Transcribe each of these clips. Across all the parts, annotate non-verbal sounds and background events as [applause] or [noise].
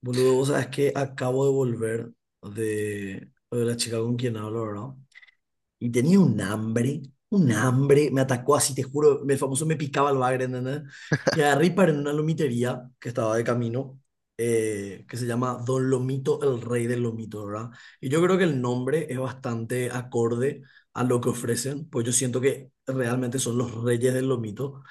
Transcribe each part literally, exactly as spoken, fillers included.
Boludo, vos sabés que acabo de volver de, de la chica con quien hablo, ¿verdad? Y tenía un hambre, un hambre, me atacó así, te juro, el famoso me picaba el bagre, ¿entendés? Y agarré y paré en una lomitería que estaba de camino, eh, que se llama Don Lomito, el rey del lomito, ¿verdad? Y yo creo que el nombre es bastante acorde a lo que ofrecen, pues yo siento que realmente son los reyes del lomito.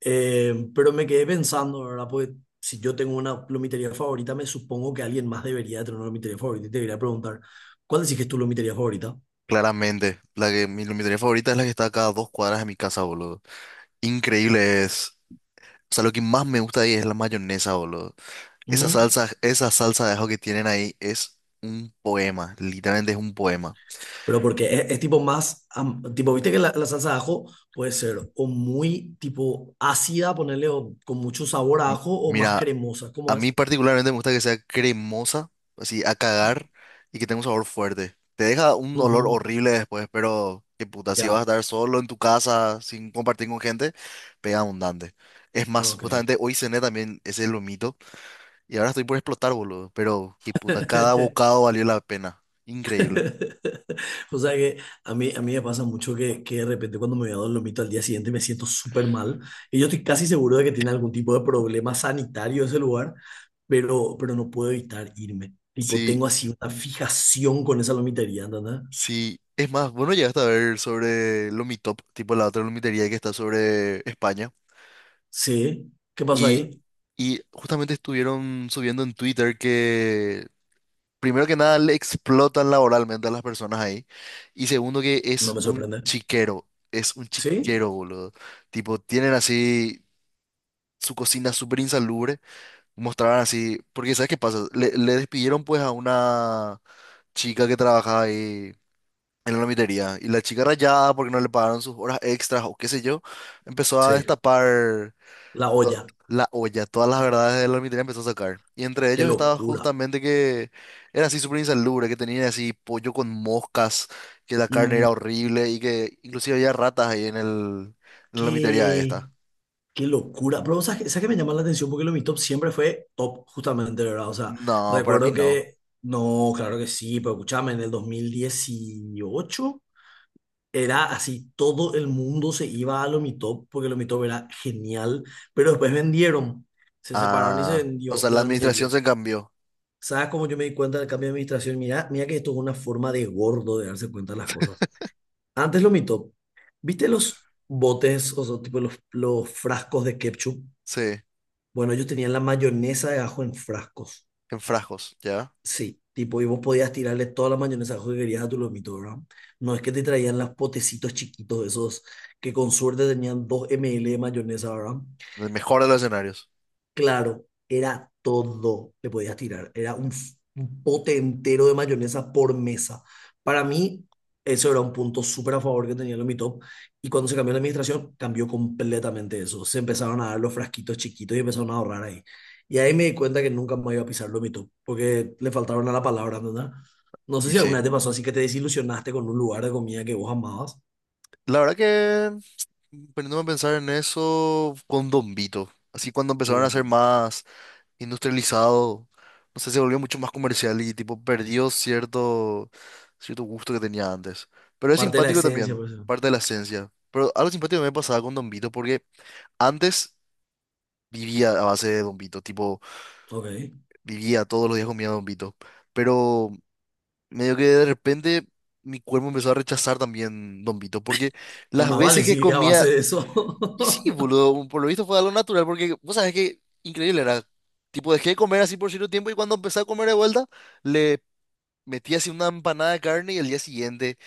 Eh, pero me quedé pensando, ¿verdad? Pues si yo tengo una lomitería favorita, me supongo que alguien más debería de tener una lomitería favorita y te debería preguntar, ¿cuál decís que es tu lomitería favorita? Claramente, la que mi iluminaría favorita es la que está a cada dos cuadras de mi casa, boludo. Increíble es. O sea, lo que más me gusta ahí es la mayonesa, boludo. Esa Mm. salsa, esa salsa de ajo que tienen ahí es un poema, literalmente es un poema. Pero porque es, es tipo más, am- tipo, viste que la, la salsa de ajo puede ser o muy tipo ácida, ponerle con mucho sabor a M- ajo, o más Mira, cremosa, a ¿cómo mí es? particularmente me gusta que sea cremosa, así a cagar y que tenga un sabor fuerte. Te deja un olor Ujú, horrible después, pero qué puta, si vas a ya, estar solo en tu casa sin compartir con gente, pega abundante. Es más, ok. justamente hoy cené también ese lomito. Y ahora estoy por explotar, boludo. Pero, qué puta, cada [laughs] bocado valió la pena. Increíble. O sea que a mí, a mí me pasa mucho que, que de repente cuando me voy a Dolomito al día siguiente me siento súper mal y yo estoy casi seguro de que tiene algún tipo de problema sanitario ese lugar, pero, pero no puedo evitar irme. Tipo, Sí, tengo así una fijación con esa lomitería, ¿entendés? sí. Es más, bueno, llegaste a ver sobre Lomitop, tipo la otra lomitería que está sobre España. Sí, ¿qué pasó Y, ahí? y justamente estuvieron subiendo en Twitter que, primero que nada, le explotan laboralmente a las personas ahí. Y segundo, que No es me un sorprende. chiquero. Es un ¿Sí? chiquero, boludo. Tipo, tienen así su cocina súper insalubre. Mostraban así, porque ¿sabes qué pasa? Le, le despidieron pues a una chica que trabajaba ahí en la lomitería, y la chica rayada porque no le pagaron sus horas extras o qué sé yo, empezó a Sí, destapar la to- olla. la olla, todas las verdades de la lomitería empezó a sacar. Y entre Qué ellos estaba locura. justamente que era así súper insalubre, que tenían así pollo con moscas, que la carne No, era horrible y que inclusive había ratas ahí en el, en la lomitería qué, esta. qué locura. Pero, ¿sabes, qué sabes qué me llama la atención? Porque lo de mi top siempre fue top, justamente, ¿verdad? O sea, No, para mí recuerdo no. que, no, claro que sí, pero escúchame, en el dos mil dieciocho era así, todo el mundo se iba a lo mi top porque lo mi top era genial, pero después vendieron, se separaron y se Ah, o vendió sea, la la administración almitería. se cambió. ¿Sabes cómo yo me di cuenta del cambio de administración? Mira, mira que esto es una forma de gordo de darse cuenta de las cosas. Antes lo mito. ¿Viste los botes, o sea, tipo los, los frascos de ketchup? Sí. Bueno, ellos tenían la mayonesa de ajo en frascos. En frascos, ¿ya? Sí, tipo, y vos podías tirarle toda la mayonesa de ajo que querías a tu lomito, ¿verdad? No es que te traían los potecitos chiquitos esos que con suerte tenían dos ml de mayonesa, ¿verdad? El mejor de los escenarios. Claro, era todo le podías tirar. Era un, f- un pote entero de mayonesa por mesa. Para mí, eso era un punto súper a favor que tenía lo Mi Top. Y cuando se cambió la administración, cambió completamente eso. Se empezaron a dar los frasquitos chiquitos y empezaron a ahorrar ahí. Y ahí me di cuenta que nunca más iba a pisar lo Mi Top, porque le faltaron a la palabra, ¿entendés? No sé Y si alguna sí. vez te pasó así que te desilusionaste con un lugar de comida que vos amabas. La verdad que, poniéndome a pensar en eso, con Don Vito. Así cuando empezaron a O ser más industrializado, no sé, se volvió mucho más comercial y tipo perdió cierto, cierto gusto que tenía antes. Pero es parte de la simpático esencia, también, pues. parte de la esencia. Pero algo simpático me pasaba con Don Vito porque antes vivía a base de Don Vito, tipo, Ok. vivía todos los días comía Don Vito. Pero medio que de repente mi cuerpo empezó a rechazar también Don Vito, porque Y las más vale veces que si a base comía, de eso. y sí, [laughs] boludo, por lo visto fue algo natural, porque vos sabés que increíble era, tipo dejé de comer así por cierto tiempo y cuando empecé a comer de vuelta, le metí así una empanada de carne y el día siguiente,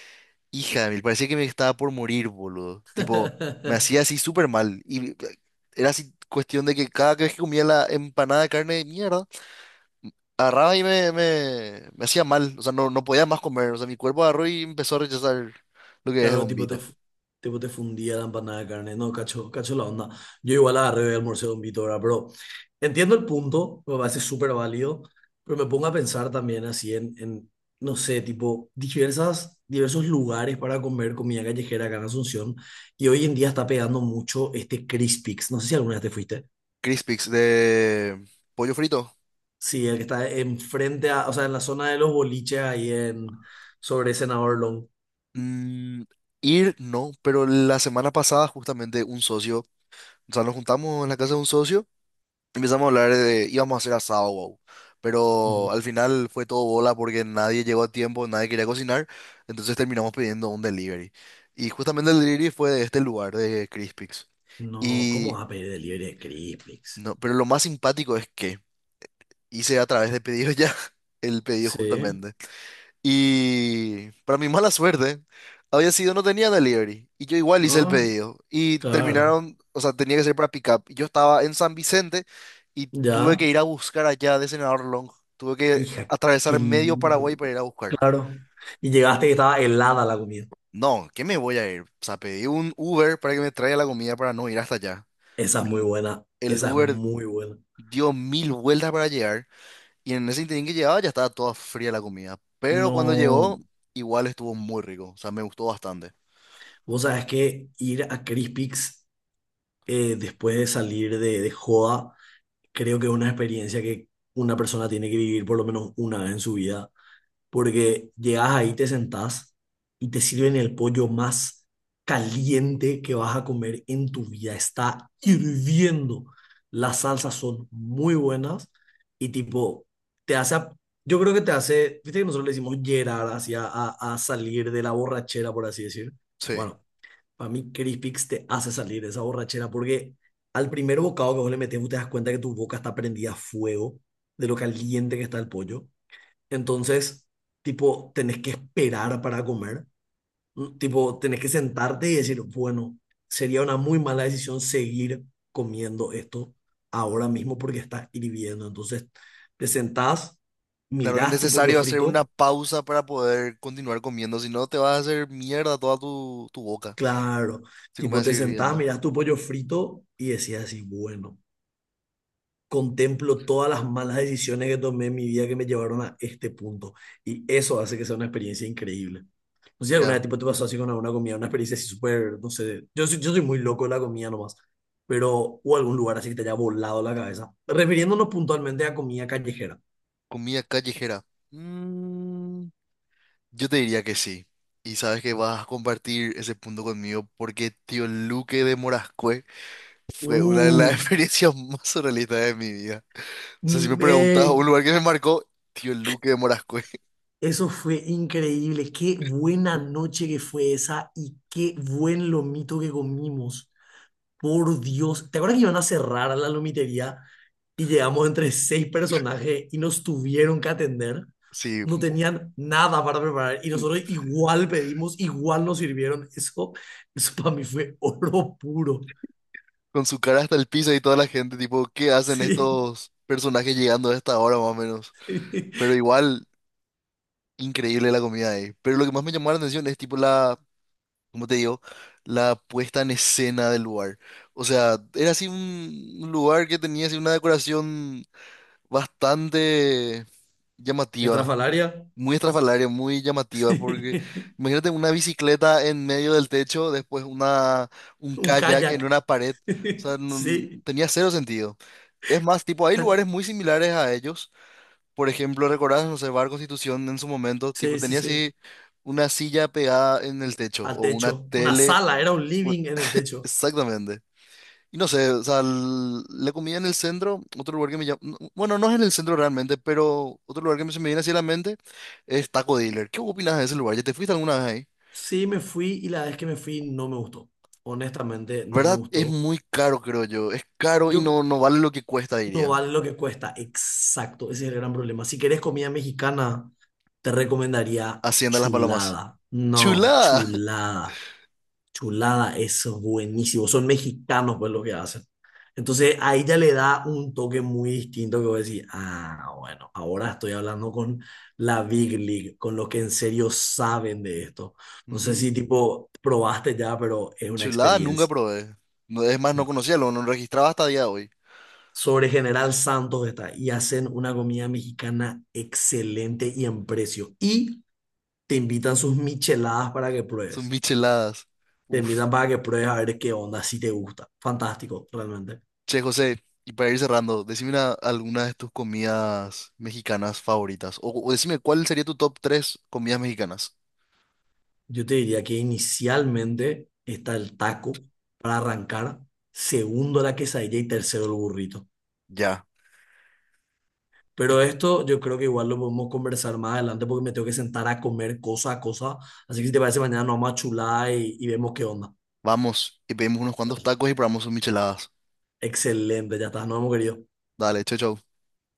hija de mil, parecía que me estaba por morir, boludo, tipo, me [laughs] hacía así súper mal, y eh, era así cuestión de que cada vez que comía la empanada de carne, mierda, agarraba y me, me, me hacía mal, o sea, no, no podía más comer, o sea, mi cuerpo agarró y empezó a rechazar lo que es el Claro, tipo te, bombito. fu- tipo te fundía la empanada de carne. No, cacho, cacho la onda. Yo igual agarré el almorcé con Vito, ¿verdad? Pero entiendo el punto, me parece súper válido, pero me pongo a pensar también así en, en, no sé, tipo diversas, diversos lugares para comer comida callejera acá en Asunción. Y hoy en día está pegando mucho este Crispix. No sé si alguna vez te fuiste. Crispix de pollo frito. Sí, el que está enfrente a, o sea, en la zona de los boliches ahí en, sobre Senador Long. Mm, ir, no, pero la semana pasada justamente un socio, o sea, nos juntamos en la casa de un socio, empezamos a hablar de, íbamos a hacer asado, wow. Pero al final fue todo bola porque nadie llegó a tiempo, nadie quería cocinar, entonces terminamos pidiendo un delivery. Y justamente el delivery fue de este lugar, de Crispix. No, ¿cómo Y vas a pedir delivery de Crispix? no, pero lo más simpático es que hice a través de pedido ya [laughs] el pedido Sí, justamente. Y para mi mala suerte, había sido, no tenía delivery. Y yo igual hice el ah, pedido. Y claro, terminaron, o sea, tenía que ser para pick up. Y yo estaba en San Vicente y tuve que ya. ir a buscar allá de Senador Long. Tuve que Hija, qué atravesar medio Paraguay para lindo. ir a buscar. Claro. Y llegaste y estaba helada la comida. No, ¿qué me voy a ir? O sea, pedí un Uber para que me traiga la comida para no ir hasta allá. Esa es muy El, buena, el esa es Uber muy buena. dio mil vueltas para llegar. Y en ese interín que llegaba ya estaba toda fría la comida. Pero cuando No, llegó, igual estuvo muy rico. O sea, me gustó bastante. vos sabés que ir a Crispix eh, después de salir de, de joda, creo que es una experiencia que una persona tiene que vivir por lo menos una vez en su vida porque llegas ahí, te sentás y te sirven el pollo más caliente que vas a comer en tu vida. Está hirviendo. Las salsas son muy buenas y tipo, te hace, a- yo creo que te hace, viste que nosotros le decimos llerar hacia a, a salir de la borrachera, por así decir. Sí. Bueno, para mí Crispix te hace salir de esa borrachera porque al primer bocado que vos le metes, vos te das cuenta que tu boca está prendida a fuego de lo caliente que está el pollo. Entonces, tipo, tenés que esperar para comer, ¿no? Tipo, tenés que sentarte y decir, bueno, sería una muy mala decisión seguir comiendo esto ahora mismo porque está hirviendo. Entonces, te sentás, Claro, es mirás tu pollo necesario hacer una frito. pausa para poder continuar comiendo. Si no, te vas a hacer mierda toda tu, tu boca. Claro, Si comes tipo, a te seguir sentás, viendo. mirás tu pollo frito y decías así, bueno, contemplo todas las malas decisiones que tomé en mi vida que me llevaron a este punto. Y eso hace que sea una experiencia increíble. No sé si alguna Ya, vez tipo, te pasó así con alguna comida, una experiencia así súper, no sé, yo soy, yo soy muy loco de la comida nomás, pero o algún lugar así que te haya volado la cabeza. Refiriéndonos puntualmente a comida callejera. comida callejera. Mm, yo te diría que sí. Y sabes que vas a compartir ese punto conmigo porque Tío Luque de Morascue fue una de las [laughs] Uh, experiencias más surrealistas de mi vida. O sea, si me preguntas, me- un lugar que me marcó, Tío Luque de Morascue. [laughs] Eso fue increíble, qué buena noche que fue esa y qué buen lomito que comimos. Por Dios, ¿te acuerdas que iban a cerrar la lomitería y llegamos entre seis personajes y nos tuvieron que atender? Sí, No mo- tenían nada para preparar y nosotros igual pedimos, igual nos sirvieron. Eso, eso para mí fue oro puro. con su cara hasta el piso y toda la gente, tipo, ¿qué hacen Sí. estos personajes llegando a esta hora más o menos? Pero [laughs] igual, increíble la comida ahí. Pero lo que más me llamó la atención es, tipo, la, ¿cómo te digo? La puesta en escena del lugar. O sea, era así un un lugar que tenía así una decoración bastante llamativa. Estrafalaria. Muy estrafalaria, muy llamativa, porque Sí. imagínate una bicicleta en medio del techo, después una, un Un kayak kayak. en una pared, o [laughs] sea, no- Sí. tenía cero sentido. Es más, tipo, hay lugares muy similares a ellos. Por ejemplo, recordás, no sé, Bar Constitución en su momento, tipo, Sí, sí, tenía sí. así una silla pegada en el techo Al o una techo. Una tele. sala, era un un- living en el techo. Exactamente. Y no sé, o sea, l- la comida en el centro, otro lugar que me llama, bueno, no es en el centro realmente, pero otro lugar que me- se me viene así a la mente es Taco Dealer. ¿Qué opinas de ese lugar? ¿Ya te fuiste alguna vez ahí? Sí, me fui y la vez que me fui no me gustó. Honestamente, no me ¿Verdad? Es gustó. muy caro, creo yo. Es caro y Yo no, no vale lo que cuesta, No diría. vale lo que cuesta, exacto, ese es el gran problema. Si querés comida mexicana, te recomendaría Hacienda Las Palomas. chulada. No, ¡Chulada! [laughs] chulada. Chulada es buenísimo. Son mexicanos, pues, lo que hacen. Entonces, ahí ya le da un toque muy distinto que voy a decir, ah, bueno, ahora estoy hablando con la Big League, con los que en serio saben de esto. No sé Ujú. si, tipo, probaste ya, pero es una Chulada nunca experiencia. probé. No- Es más, no conocía, lo no registraba hasta día de hoy. Sobre General Santos está, y hacen una comida mexicana excelente y en precio. Y te invitan sus micheladas para que Son pruebes. micheladas. Te Uf. invitan para que pruebes a ver qué onda, si te gusta. Fantástico, realmente. Che, José, y para ir cerrando, decime una- alguna de tus comidas mexicanas favoritas. O, o decime cuál sería tu top tres comidas mexicanas. Yo te diría que inicialmente está el taco para arrancar, segundo la quesadilla y tercero el burrito. Ya. Y Pero esto yo creo que igual lo podemos conversar más adelante porque me tengo que sentar a comer cosa a cosa. Así que si te parece, mañana nos vamos a chular y, y vemos qué onda. vamos, y pedimos unos cuantos tacos y probamos sus micheladas. Excelente, ya está, nos hemos querido. Dale, chau, chau.